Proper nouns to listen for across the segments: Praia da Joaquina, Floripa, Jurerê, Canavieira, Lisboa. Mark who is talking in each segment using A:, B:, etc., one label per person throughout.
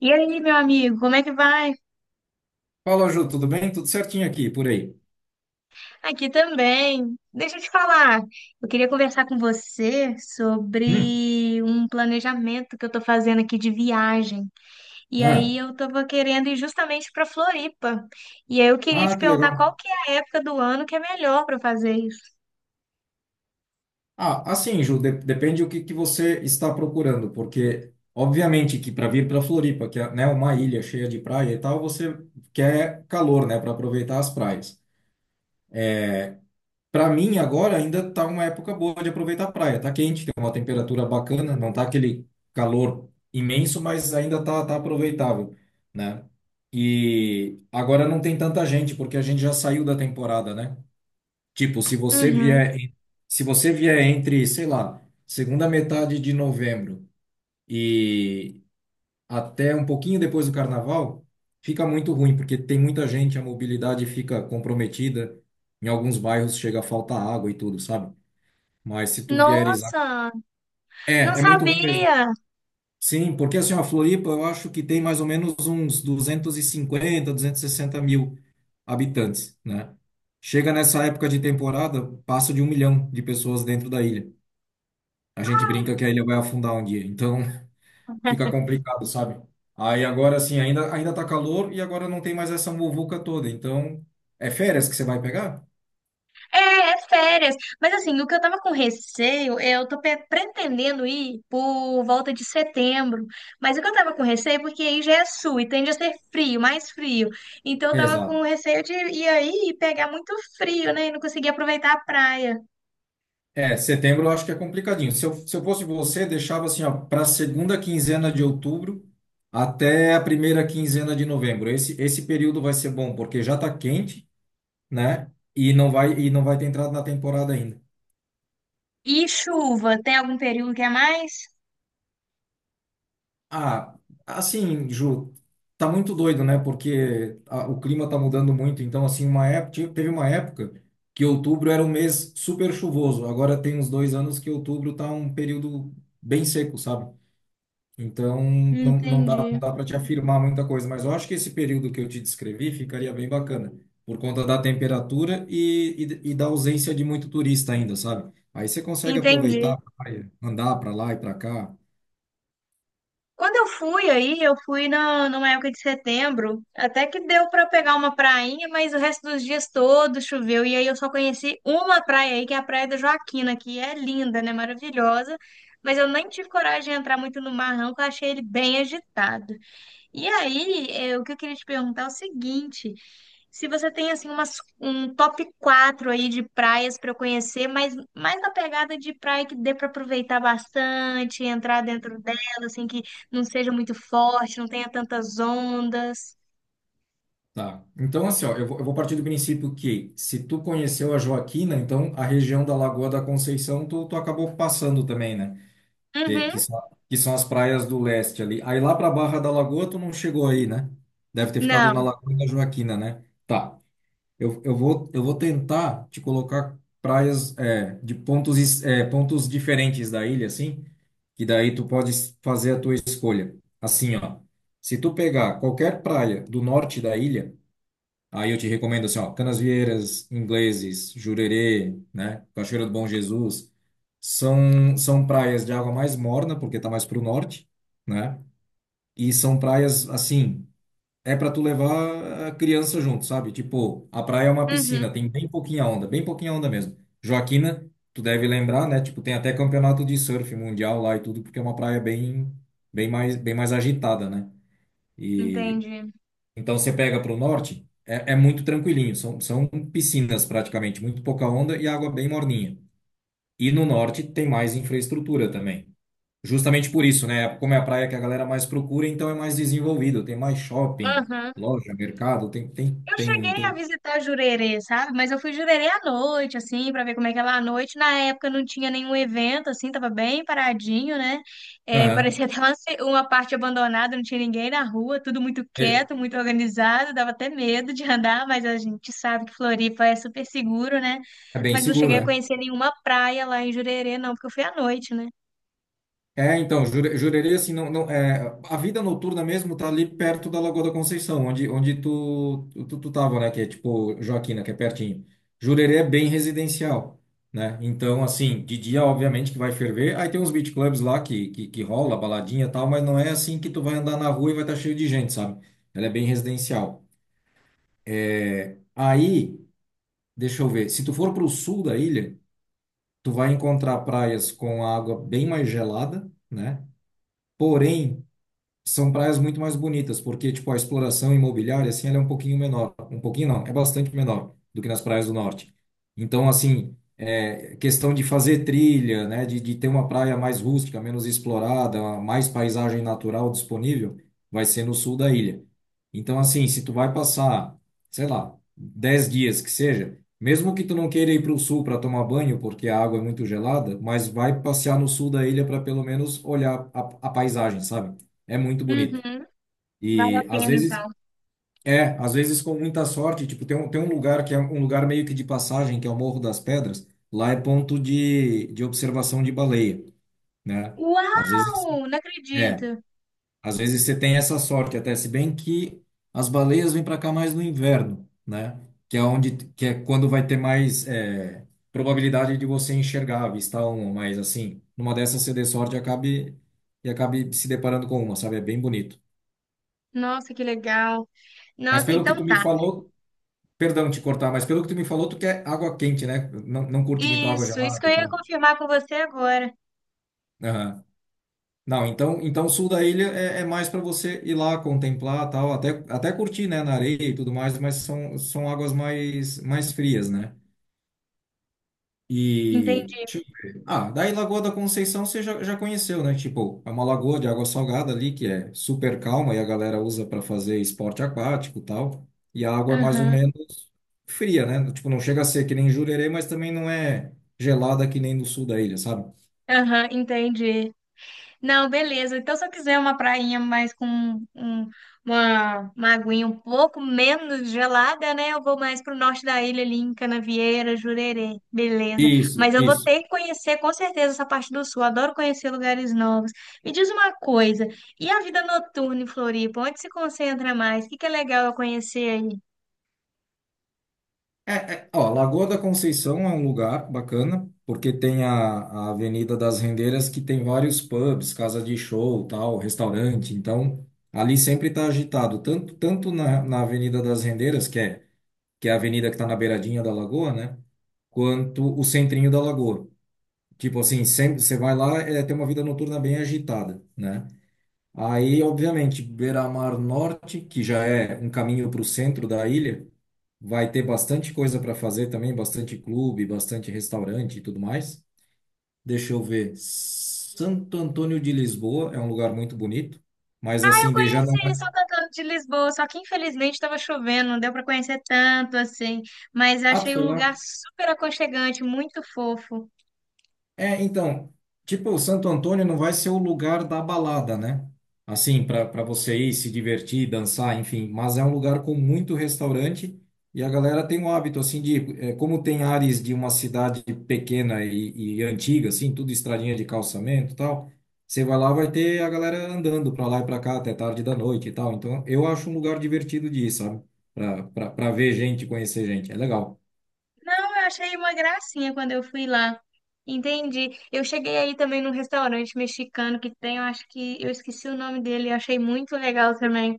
A: E aí, meu amigo, como é que vai?
B: Fala, Ju, tudo bem? Tudo certinho aqui, por aí.
A: Aqui também. Deixa eu te falar. Eu queria conversar com você
B: Hum.
A: sobre um planejamento que eu tô fazendo aqui de viagem. E
B: Ah,
A: aí eu tava querendo ir justamente para Floripa. E aí eu queria te
B: ah, que
A: perguntar qual
B: legal.
A: que é a época do ano que é melhor para fazer isso.
B: Ah, assim, Ju, depende do que você está procurando, porque, obviamente, que para vir para Floripa, que é, né, uma ilha cheia de praia e tal, você quer calor, né, para aproveitar as praias. Para mim, agora ainda tá uma época boa de aproveitar a praia. Tá quente, tem uma temperatura bacana, não tá aquele calor imenso, mas ainda tá aproveitável, né? E agora não tem tanta gente, porque a gente já saiu da temporada, né? Tipo,
A: Uhum.
B: se você vier entre, sei lá, segunda metade de novembro e até um pouquinho depois do carnaval, fica muito ruim, porque tem muita gente, a mobilidade fica comprometida, em alguns bairros chega a faltar água e tudo, sabe? Mas se tu vieres.
A: Nossa, não
B: É, é muito ruim mesmo.
A: sabia.
B: Sim, porque assim, a Floripa, eu acho que tem mais ou menos uns 200, 250, 260 mil habitantes, né? Chega nessa época de temporada, passa de 1 milhão de pessoas dentro da ilha. A gente brinca que a ilha vai afundar um dia, então fica complicado, sabe? Aí agora assim, ainda tá calor e agora não tem mais essa muvuca toda, então é férias que você vai pegar?
A: É, é férias. Mas assim, o que eu tava com receio, eu tô pretendendo ir por volta de setembro. Mas o que eu tava com receio, é porque aí já é sul e tende a ser frio, mais frio. Então eu tava
B: Exato.
A: com receio de ir aí e pegar muito frio, né? E não conseguir aproveitar a praia.
B: É, setembro eu acho que é complicadinho. Se eu fosse você, deixava assim, ó, para segunda quinzena de outubro até a primeira quinzena de novembro. Esse período vai ser bom porque já tá quente, né? E não vai ter entrado na temporada ainda.
A: E chuva, tem algum período que é mais?
B: Ah, assim, Ju, tá muito doido, né? Porque o clima tá mudando muito. Então, assim, uma época, teve uma época que outubro era um mês super chuvoso. Agora tem uns 2 anos que outubro tá um período bem seco, sabe? Então, não, não dá, não
A: Entendi.
B: dá para te afirmar muita coisa. Mas eu acho que esse período que eu te descrevi ficaria bem bacana, por conta da temperatura e da ausência de muito turista ainda, sabe? Aí você consegue aproveitar
A: Entendi.
B: a praia, andar para lá e para cá.
A: Quando eu fui aí, eu fui numa época de setembro, até que deu pra pegar uma prainha, mas o resto dos dias todos choveu. E aí eu só conheci uma praia aí, que é a Praia da Joaquina, que é linda, né? Maravilhosa. Mas eu nem tive coragem de entrar muito no mar, não, porque eu achei ele bem agitado. E aí, o que eu queria te perguntar é o seguinte: se você tem assim um top 4 aí de praias para eu conhecer, mas mais na pegada de praia que dê para aproveitar bastante, entrar dentro dela, assim que não seja muito forte, não tenha tantas ondas.
B: Tá. Então, assim, ó, eu vou partir do princípio que se tu conheceu a Joaquina, então a região da Lagoa da Conceição tu acabou passando também, né? Que,
A: Uhum.
B: que são, que são as praias do leste ali. Aí lá pra Barra da Lagoa tu não chegou aí, né? Deve ter ficado na
A: Não.
B: Lagoa da Joaquina, né? Tá. Eu vou tentar te colocar praias é, de pontos, é, pontos diferentes da ilha, assim, que daí tu pode fazer a tua escolha. Assim, ó. Se tu pegar qualquer praia do norte da ilha, aí eu te recomendo assim, ó, Canasvieiras, Ingleses, Jurerê, né, Cachoeira do Bom Jesus, são praias de água mais morna, porque tá mais pro norte, né? E são praias assim, é para tu levar a criança junto, sabe? Tipo, a praia é uma
A: Uhum.
B: piscina, tem bem pouquinha onda mesmo. Joaquina, tu deve lembrar, né? Tipo, tem até campeonato de surf mundial lá e tudo, porque é uma praia bem mais agitada, né? E
A: Entendi.
B: então você pega para o norte, é, é muito tranquilinho, são piscinas praticamente, muito pouca onda e água bem morninha. E no norte tem mais infraestrutura também. Justamente por isso, né? Como é a praia que a galera mais procura, então é mais desenvolvido, tem mais shopping,
A: Uhum.
B: loja, mercado, tem, tem,
A: Eu
B: tem,
A: cheguei a
B: tem.
A: visitar Jurerê, sabe? Mas eu fui Jurerê à noite, assim, pra ver como é que é lá à noite. Na época não tinha nenhum evento, assim, tava bem paradinho, né? É,
B: Aham.
A: parecia até uma parte abandonada, não tinha ninguém na rua, tudo muito
B: É,
A: quieto, muito organizado, dava até medo de andar, mas a gente sabe que Floripa é super seguro, né?
B: é bem
A: Mas não
B: seguro,
A: cheguei a
B: é.
A: conhecer nenhuma praia lá em Jurerê, não, porque eu fui à noite, né?
B: É, então, Jurerê, assim, não, não, é, a vida noturna mesmo tá ali perto da Lagoa da Conceição, onde tu tava, né, que é tipo Joaquina, que é pertinho. Jurerê é bem residencial, né, então, assim, de dia, obviamente, que vai ferver, aí tem uns beach clubs lá que rola, baladinha e tal, mas não é assim que tu vai andar na rua e vai estar cheio de gente, sabe? Ela é bem residencial. É, aí, deixa eu ver, se tu for pro sul da ilha, tu vai encontrar praias com água bem mais gelada, né, porém são praias muito mais bonitas, porque tipo a exploração imobiliária assim, ela é um pouquinho menor, um pouquinho não, é bastante menor do que nas praias do norte. Então, assim, é questão de fazer trilha, né, de ter uma praia mais rústica, menos explorada, mais paisagem natural disponível, vai ser no sul da ilha. Então, assim, se tu vai passar, sei lá, 10 dias que seja, mesmo que tu não queira ir para o sul para tomar banho, porque a água é muito gelada, mas vai passear no sul da ilha para pelo menos olhar a paisagem, sabe? É muito bonito.
A: Uhum, vale a
B: E às
A: pena
B: vezes,
A: então.
B: é, às vezes com muita sorte, tipo, tem um lugar que é um lugar meio que de passagem, que é o Morro das Pedras, lá é ponto de observação de baleia, né? Às vezes,
A: Uau! Não
B: é,
A: acredito!
B: às vezes você tem essa sorte, até se bem que as baleias vêm para cá mais no inverno, né? Que é onde, que é quando vai ter mais é, probabilidade de você enxergar, avistar uma, mas assim, numa dessas você dê sorte e acabe se deparando com uma, sabe? É bem bonito.
A: Nossa, que legal!
B: Mas
A: Nossa,
B: pelo que
A: então
B: tu me
A: tá.
B: falou, perdão te cortar, mas pelo que tu me falou, tu quer água quente, né? Não, não curte muito água
A: Isso
B: gelada
A: que eu
B: e
A: ia
B: tal.
A: confirmar com você agora.
B: Aham. Não, então o sul da ilha é mais para você ir lá contemplar, tal, até curtir, né, na areia e tudo mais, mas são águas mais frias, né? E,
A: Entendi.
B: deixa eu ver. Ah, daí Lagoa da Conceição você já conheceu, né? Tipo, é uma lagoa de água salgada ali que é super calma e a galera usa para fazer esporte aquático e tal. E a água é mais ou
A: Aham,
B: menos fria, né? Tipo, não chega a ser que nem Jurerê, mas também não é gelada que nem no sul da ilha, sabe?
A: aham, entendi. Não, beleza. Então, se eu quiser uma prainha mais com um- uma aguinha um pouco menos gelada, né? Eu vou mais pro norte da ilha, ali em Canavieira, Jurerê. Beleza.
B: Isso,
A: Mas eu vou
B: isso.
A: ter que conhecer, com certeza, essa parte do sul. Adoro conhecer lugares novos. Me diz uma coisa, e a vida noturna em Floripa? Onde se concentra mais? O que que é legal eu conhecer aí?
B: É, ó, Lagoa da Conceição é um lugar bacana, porque tem a Avenida das Rendeiras que tem vários pubs, casa de show, tal, restaurante. Então, ali sempre está agitado, tanto na Avenida das Rendeiras, que é a avenida que está na beiradinha da lagoa, né? Quanto o centrinho da lagoa. Tipo assim, sempre você vai lá, é, tem uma vida noturna bem agitada, né? Aí, obviamente, Beira-Mar Norte, que já é um caminho para o centro da ilha, vai ter bastante coisa para fazer também, bastante clube, bastante restaurante e tudo mais. Deixa eu ver. Santo Antônio de Lisboa é um lugar muito bonito, mas
A: Eu
B: assim, de já não
A: conheci ele
B: é.
A: só cantando de Lisboa, só que infelizmente estava chovendo, não deu para conhecer tanto assim, mas eu
B: Ah, tu
A: achei um
B: foi lá?
A: lugar super aconchegante, muito fofo.
B: É, então, tipo, o Santo Antônio não vai ser o lugar da balada, né? Assim, para você ir se divertir, dançar, enfim, mas é um lugar com muito restaurante e a galera tem o hábito, assim, de, é, como tem áreas de uma cidade pequena e antiga, assim, tudo estradinha de calçamento e tal, você vai lá, vai ter a galera andando para lá e para cá até tarde da noite e tal. Então, eu acho um lugar divertido de ir, sabe? Para ver gente, conhecer gente, é legal.
A: Não, eu achei uma gracinha quando eu fui lá. Entendi. Eu cheguei aí também num restaurante mexicano que tem, eu acho que eu esqueci o nome dele, eu achei muito legal também.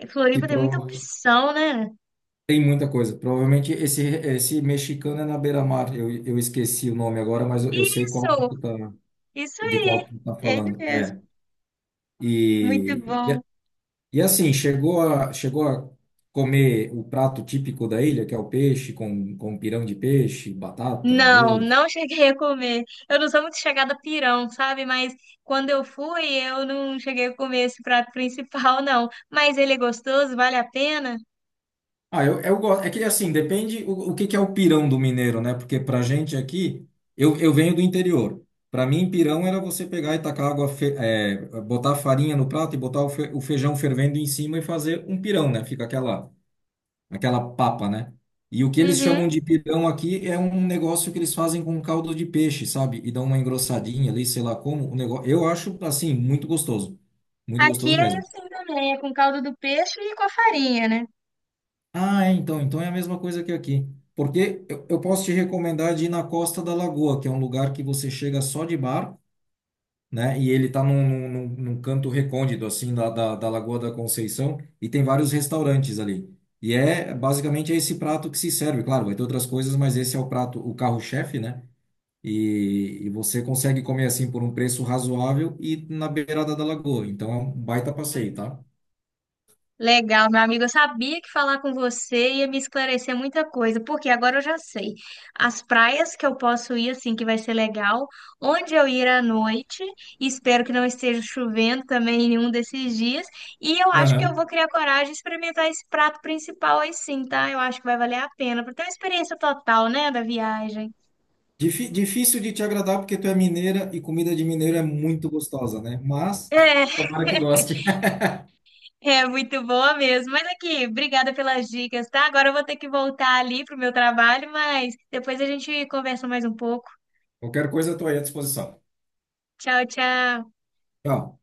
A: Em
B: E
A: Floripa tem muita opção, né?
B: tem muita coisa. Provavelmente esse mexicano é na beira-mar. Eu esqueci o nome agora, mas eu sei qual que
A: Isso,
B: tu tá,
A: isso
B: de qual
A: aí.
B: que tu tá
A: Ele
B: falando.
A: mesmo.
B: É.
A: Muito
B: E, e,
A: bom.
B: a- e assim, chegou a comer o prato típico da ilha, que é o peixe, com pirão de peixe, batata,
A: Não,
B: arroz.
A: não cheguei a comer. Eu não sou muito chegada a pirão, sabe? Mas quando eu fui, eu não cheguei a comer esse prato principal, não. Mas ele é gostoso, vale a pena?
B: Ah, eu gosto. É que assim, depende o que que é o pirão do mineiro, né? Porque pra gente aqui, eu venho do interior. Pra mim, pirão era você pegar e tacar água, é, botar farinha no prato e botar o feijão fervendo em cima e fazer um pirão, né? Fica aquela papa, né? E o que eles
A: Uhum.
B: chamam de pirão aqui é um negócio que eles fazem com caldo de peixe, sabe? E dão uma engrossadinha ali, sei lá como. O negócio, eu acho, assim, muito gostoso. Muito
A: Aqui
B: gostoso
A: é
B: mesmo.
A: assim também, é com caldo do peixe e com a farinha, né?
B: Ah, é, então é a mesma coisa que aqui. Porque eu posso te recomendar de ir na Costa da Lagoa, que é um lugar que você chega só de barco, né? E ele tá num canto recôndito, assim, da Lagoa da Conceição, e tem vários restaurantes ali. E é basicamente é esse prato que se serve. Claro, vai ter outras coisas, mas esse é o prato, o carro-chefe, né? E você consegue comer assim por um preço razoável e na beirada da lagoa. Então é um baita passeio, tá?
A: Legal, meu amigo. Eu sabia que falar com você ia me esclarecer muita coisa, porque agora eu já sei. As praias que eu posso ir, assim, que vai ser legal, onde eu ir à noite, e espero que não esteja chovendo também em nenhum desses dias. E eu acho que eu
B: Aham.
A: vou criar coragem de experimentar esse prato principal aí sim, tá? Eu acho que vai valer a pena, para ter uma experiência total, né, da viagem.
B: Difícil de te agradar porque tu é mineira e comida de mineiro é muito gostosa, né? Mas
A: É,
B: tomara que goste.
A: é muito boa mesmo. Mas aqui, obrigada pelas dicas, tá? Agora eu vou ter que voltar ali pro meu trabalho, mas depois a gente conversa mais um pouco.
B: Qualquer coisa eu tô aí à disposição.
A: Tchau, tchau.
B: Tchau.